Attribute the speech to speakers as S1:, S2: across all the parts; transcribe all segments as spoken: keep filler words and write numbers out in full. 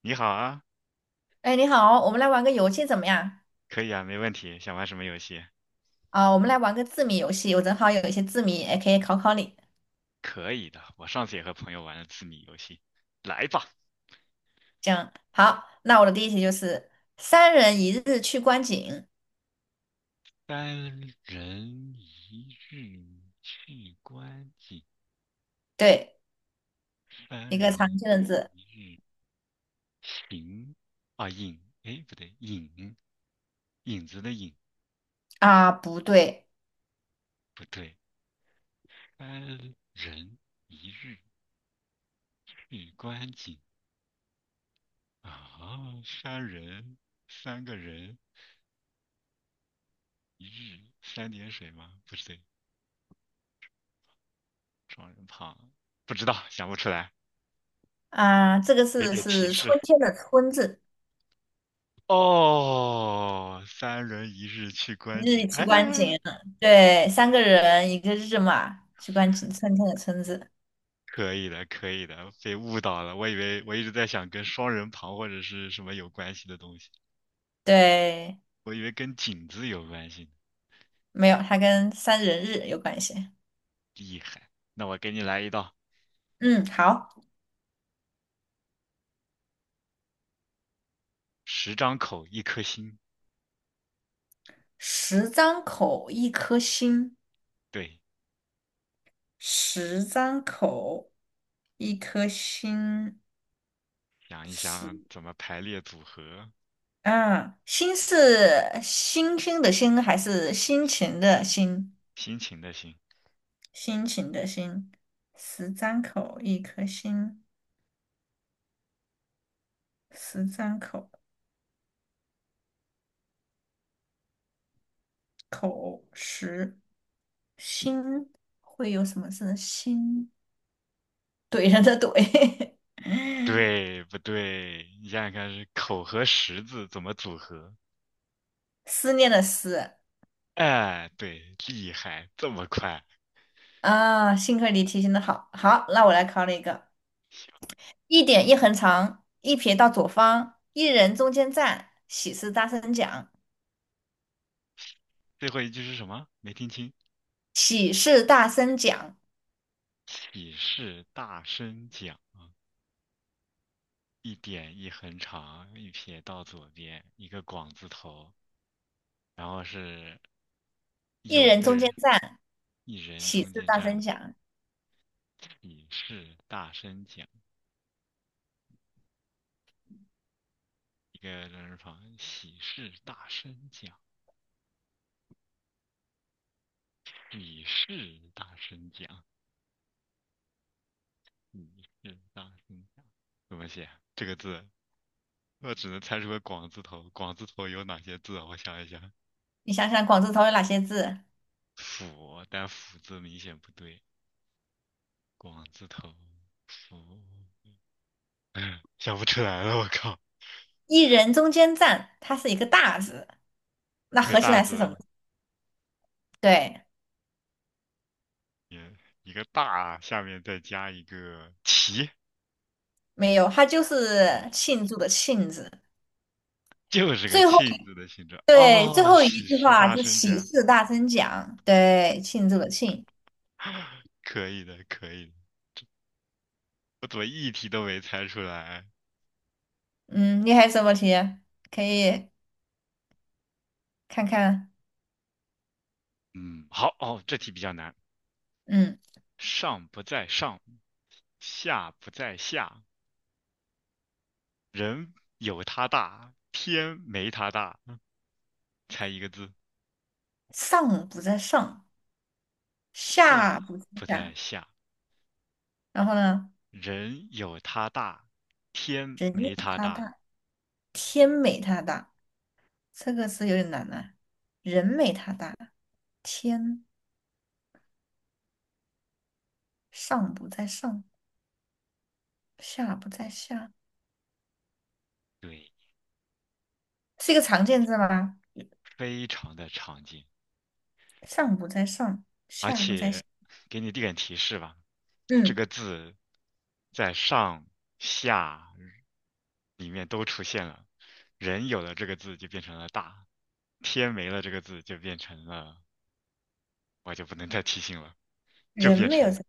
S1: 你好啊，
S2: 哎，你好，我们来玩个游戏怎么样？
S1: 可以啊，没问题。想玩什么游戏？
S2: 啊、我们来玩个字谜游戏，我正好有一些字谜，也可以考考你。
S1: 可以的，我上次也和朋友玩了字谜游戏。来吧，
S2: 这样，好，那我的第一题就是“三人一日去观景”，
S1: 三人一日去观景，
S2: 对，一
S1: 三
S2: 个
S1: 人
S2: 常见的字。
S1: 一日行啊影，哎不对，影影子的影
S2: 啊，不对。
S1: 不对，三人一日去观景啊，三人三个人一日三点水吗？不对，双人旁，不知道，想不出来。
S2: 啊，这个
S1: 给
S2: 字
S1: 点提
S2: 是春
S1: 示。
S2: 天的“春”字，
S1: 哦，三人一日去观
S2: 一
S1: 景，
S2: 日去
S1: 哎，
S2: 观景，对，三个人一个日嘛，去观景，春天的“春”字，
S1: 可以的，可以的，被误导了。我以为我一直在想跟双人旁或者是什么有关系的东西，
S2: 对，
S1: 我以为跟景字有关系呢
S2: 没有，它跟三人日有关系。
S1: 厉害，那我给你来一道，
S2: 嗯，好，
S1: 十张口，一颗心。
S2: 十张口，一颗心。
S1: 对，
S2: 十张口，一颗心
S1: 想一
S2: 是
S1: 想怎么排列组合，
S2: 啊，心是星星的星还是心情的心？
S1: 心情的心。
S2: 心情的心，十张口，一颗心，十张口，口十心会有什么字？心，怼人的怼，
S1: 对不对？你想想看，是口和十字怎么组合？
S2: 思念的思。
S1: 哎，对，厉害，这么快。
S2: 啊，幸亏你提醒的好，好，那我来考你一个。一点一横长，一撇到左方，一人中间站，喜事大声讲，
S1: 最后一句是什么？没听清。
S2: 喜事大声讲，
S1: 喜事大声讲，一点一横长，一撇到左边，一个广字头，然后是
S2: 一
S1: 有一
S2: 人
S1: 个
S2: 中间
S1: 人，
S2: 站，
S1: 一人
S2: 喜
S1: 中
S2: 事
S1: 间
S2: 大
S1: 站。
S2: 声讲。
S1: 喜事大声讲，一个人旁，喜事大声讲，喜事大声讲，喜事大声讲。怎么写啊这个字？我只能猜出个广字头。广字头有哪些字啊我想一想，
S2: 你想想，广字头有哪些字？
S1: 斧，但斧字明显不对。广字头福，想不出来了，我靠，
S2: 一人中间站，它是一个大字，那
S1: 一个
S2: 合起
S1: 大
S2: 来是什
S1: 字，
S2: 么？对，
S1: 也一个大，下面再加一个齐，
S2: 没有，它就
S1: 不
S2: 是
S1: 对，
S2: 庆祝的庆字。
S1: 就是个
S2: 最后
S1: 庆
S2: 一
S1: 字的形状
S2: 对最
S1: 啊，
S2: 后一
S1: 喜
S2: 句
S1: 事
S2: 话
S1: 大
S2: 就是
S1: 声
S2: 喜
S1: 讲，
S2: 事大声讲，对，庆祝的庆。
S1: 可以的，可以的，我怎么一题都没猜出来？
S2: 嗯，你还有什么题？可以看看。
S1: 嗯，好，哦，这题比较难，
S2: 嗯，
S1: 上不在上，下不在下，人有他大，天没他大，猜一个字，
S2: 上不在上。
S1: 下
S2: 下不是
S1: 不在
S2: 下，
S1: 下。
S2: 然后呢，
S1: 人有它大，天
S2: 人美
S1: 没它
S2: 他
S1: 大，
S2: 大，天美他大，这个词有点难呢、人美他大，天上不在上，下不在下，
S1: 对，
S2: 是一个常见字吗？
S1: 非常的常见。
S2: 上不在上，
S1: 而
S2: 下不在下。
S1: 且给你点提示吧，这
S2: 嗯，
S1: 个字在上下里面都出现了。人有了这个字就变成了大，天没了这个字就变成了，我就不能再提醒了，就
S2: 人
S1: 变
S2: 没有
S1: 成，
S2: 这，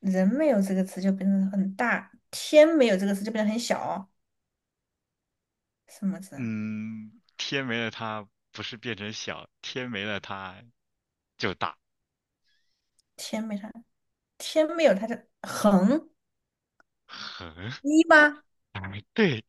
S2: 人没有这个词就变得很大，天没有这个词就变得很小。什么字啊？
S1: 嗯，天没了它不是变成小，天没了它就大，
S2: 天没它，天没有它的横
S1: 很，
S2: 一吗？
S1: 哎，对。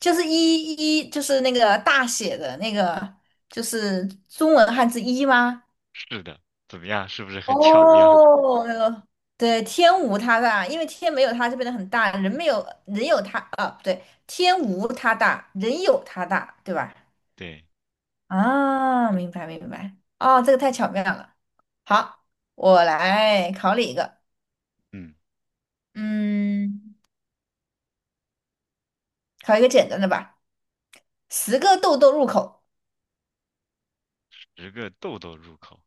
S2: 就是一一就是那个大写的那个，就是中文汉字一吗？
S1: 是的，怎么样？是不是很巧妙？
S2: 哦，那个对，天无他大，因为天没有他就变得很大，人没有人有他啊，不对，天无他大，人有他大，对吧？
S1: 对，
S2: 啊，明白明白，哦，这个太巧妙了。好，我来考你一个，
S1: 嗯，
S2: 嗯，考一个简单的吧。十个豆豆入口，
S1: 十个豆豆入口，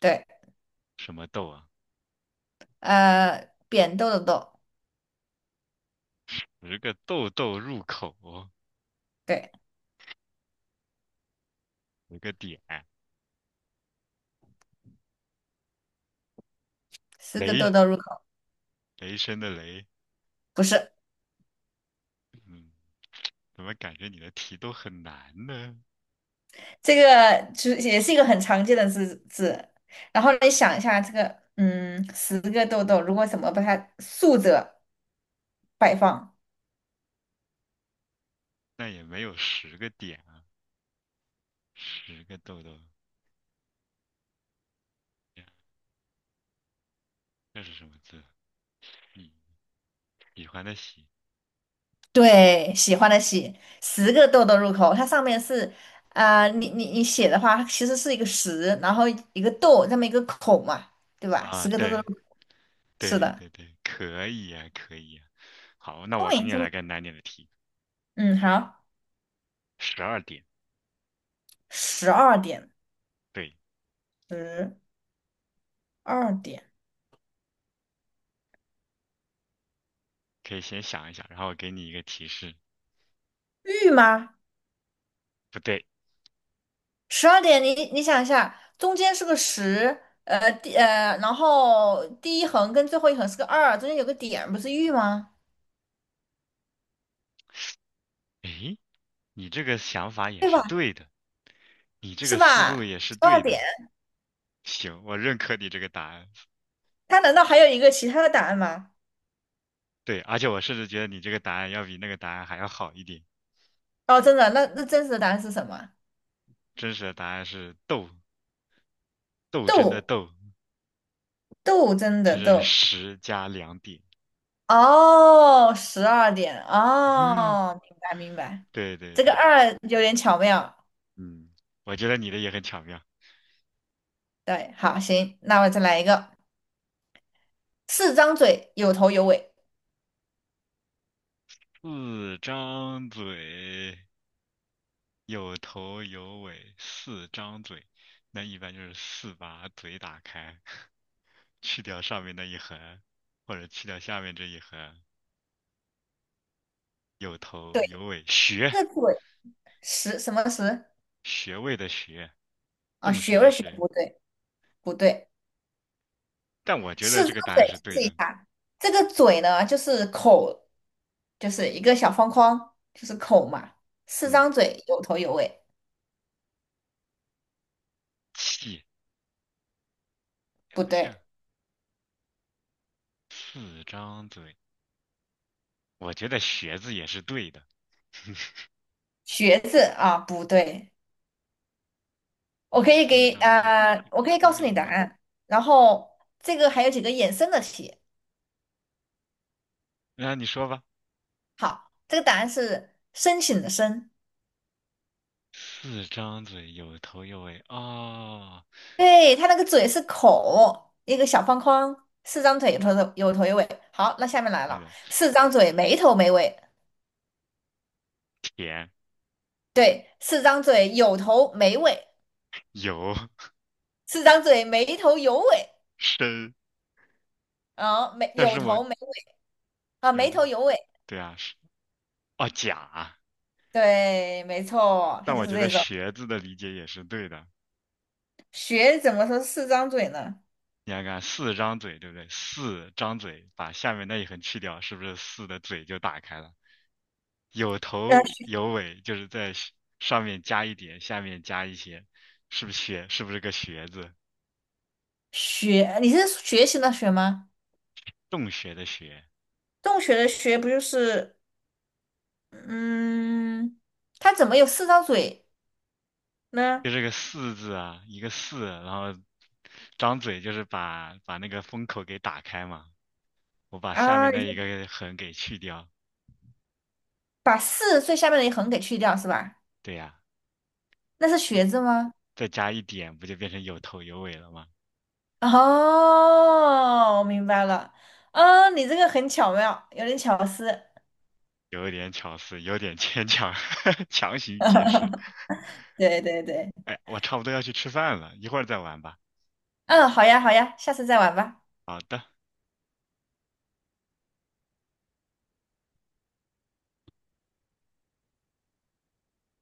S2: 对，
S1: 什么豆啊？
S2: 呃，扁豆的豆，
S1: 十个豆豆入口哦，
S2: 对，
S1: 十个点，
S2: 十个豆
S1: 雷，
S2: 豆入口。
S1: 雷声的雷。
S2: 不是，
S1: 嗯，怎么感觉你的题都很难呢？
S2: 这个就是也是一个很常见的字字。然后你想一下，这个嗯，十个豆豆，如果怎么把它竖着摆放？
S1: 那也没有十个点啊，十个豆豆，这是什么字？嗯，喜欢的喜
S2: 对，喜欢的喜，十个豆豆入口，它上面是啊、呃你你你写的话，它其实是一个十，然后一个豆，这么一个口嘛，对吧？
S1: 啊，
S2: 十个豆豆入
S1: 对
S2: 口，是
S1: 对
S2: 的，
S1: 对对，可以呀、可以呀、好，那
S2: 聪
S1: 我给
S2: 明
S1: 你
S2: 聪明，
S1: 来个难点的题，
S2: 嗯，好，
S1: 十二点，
S2: 十二点，
S1: 对，
S2: 十二点，
S1: 可以先想一想，然后我给你一个提示。
S2: 玉吗？
S1: 不对，
S2: 十二点，你你想一下，中间是个十，呃，第呃，然后第一横跟最后一横是个二，中间有个点，不是玉吗？
S1: 诶，你这个想法也
S2: 对
S1: 是
S2: 吧？
S1: 对的，你这
S2: 是
S1: 个思路
S2: 吧？
S1: 也是
S2: 十二
S1: 对的。
S2: 点，
S1: 行，我认可你这个答案。
S2: 它难道还有一个其他的答案吗？
S1: 对，而且我甚至觉得你这个答案要比那个答案还要好一点。
S2: 哦，真的，那那真实的答案是什么？
S1: 真实的答案是斗，斗争的
S2: 斗，
S1: 斗，
S2: 斗争
S1: 它
S2: 的
S1: 是
S2: 斗。
S1: 十加两点。
S2: 哦，十二点，哦，明白明白，
S1: 对对
S2: 这个
S1: 对，
S2: 二有点巧妙。
S1: 嗯，我觉得你的也很巧妙。
S2: 对，好，行，那我再来一个，四张嘴，有头有尾。
S1: 四张嘴，有头有尾，四张嘴，那一般就是四把嘴打开。去掉上面那一横，或者去掉下面这一横，有
S2: 对，
S1: 头有尾，学
S2: 这个嘴十什么十？
S1: 学位的学，
S2: 啊，
S1: 洞
S2: 学
S1: 穴的
S2: 不学，
S1: 穴。
S2: 不对。不对，
S1: 但我觉
S2: 四
S1: 得
S2: 张
S1: 这个答
S2: 嘴
S1: 案是对
S2: 试
S1: 的。
S2: 一下。这个嘴呢，就是口，就是一个小方框，就是口嘛。四
S1: 嗯，
S2: 张嘴，有头有尾，
S1: 气也
S2: 不
S1: 不像，
S2: 对。
S1: 四张嘴，我觉得学字也是对的。
S2: 学字啊，不对。我
S1: 四
S2: 可以
S1: 四
S2: 给
S1: 张嘴，
S2: 啊、呃
S1: 有
S2: 我可以告
S1: 头
S2: 诉
S1: 有
S2: 你答
S1: 尾。
S2: 案。然后这个还有几个衍生的题。
S1: 那你说吧。
S2: 好，这个答案是申请的申。
S1: 四张嘴，有头有尾。哦，
S2: 对，它那个嘴是口，一个小方框，四张腿，有头有头有尾。好，那下面来
S1: 对
S2: 了，
S1: 的，
S2: 四张嘴没头没尾，
S1: 甜
S2: 对，四张嘴有头没尾，
S1: 有
S2: 四张嘴没头有尾，
S1: 深，
S2: 啊，没
S1: 但
S2: 有
S1: 是我
S2: 头没尾。啊，
S1: 有
S2: 没
S1: 的
S2: 头有尾，
S1: 对啊是哦甲。
S2: 对，没错，它
S1: 但
S2: 就
S1: 我
S2: 是
S1: 觉得
S2: 这种。
S1: 学字的理解也是对的。
S2: 学怎么说四张嘴呢？
S1: 你看看四张嘴，对不对？四张嘴，把下面那一横去掉，是不是四的嘴就打开了？有
S2: 呃，
S1: 头有尾，就是在下上面加一点，下面加一些，是不是学？是不是个学字？
S2: 学，你是学习的学吗？
S1: 洞穴的穴，
S2: 洞穴的穴不就是，嗯，它怎么有四张嘴呢？
S1: 就是个四字啊，一个四，然后张嘴就是把把那个封口给打开嘛。我把下
S2: 啊，
S1: 面
S2: 你
S1: 那一
S2: 说
S1: 个横给去掉，
S2: 把四最下面的一横给去掉是吧？
S1: 对呀，
S2: 那是学字吗？
S1: 再加一点，不就变成有头有尾了吗？
S2: 哦，我明白了。嗯，你这个很巧妙，有点巧思。
S1: 有点巧思，有点牵强，强行解释。
S2: 对对对，
S1: 哎，我差不多要去吃饭了，一会儿再玩吧。
S2: 嗯，好呀好呀，下次再玩吧。
S1: 好的。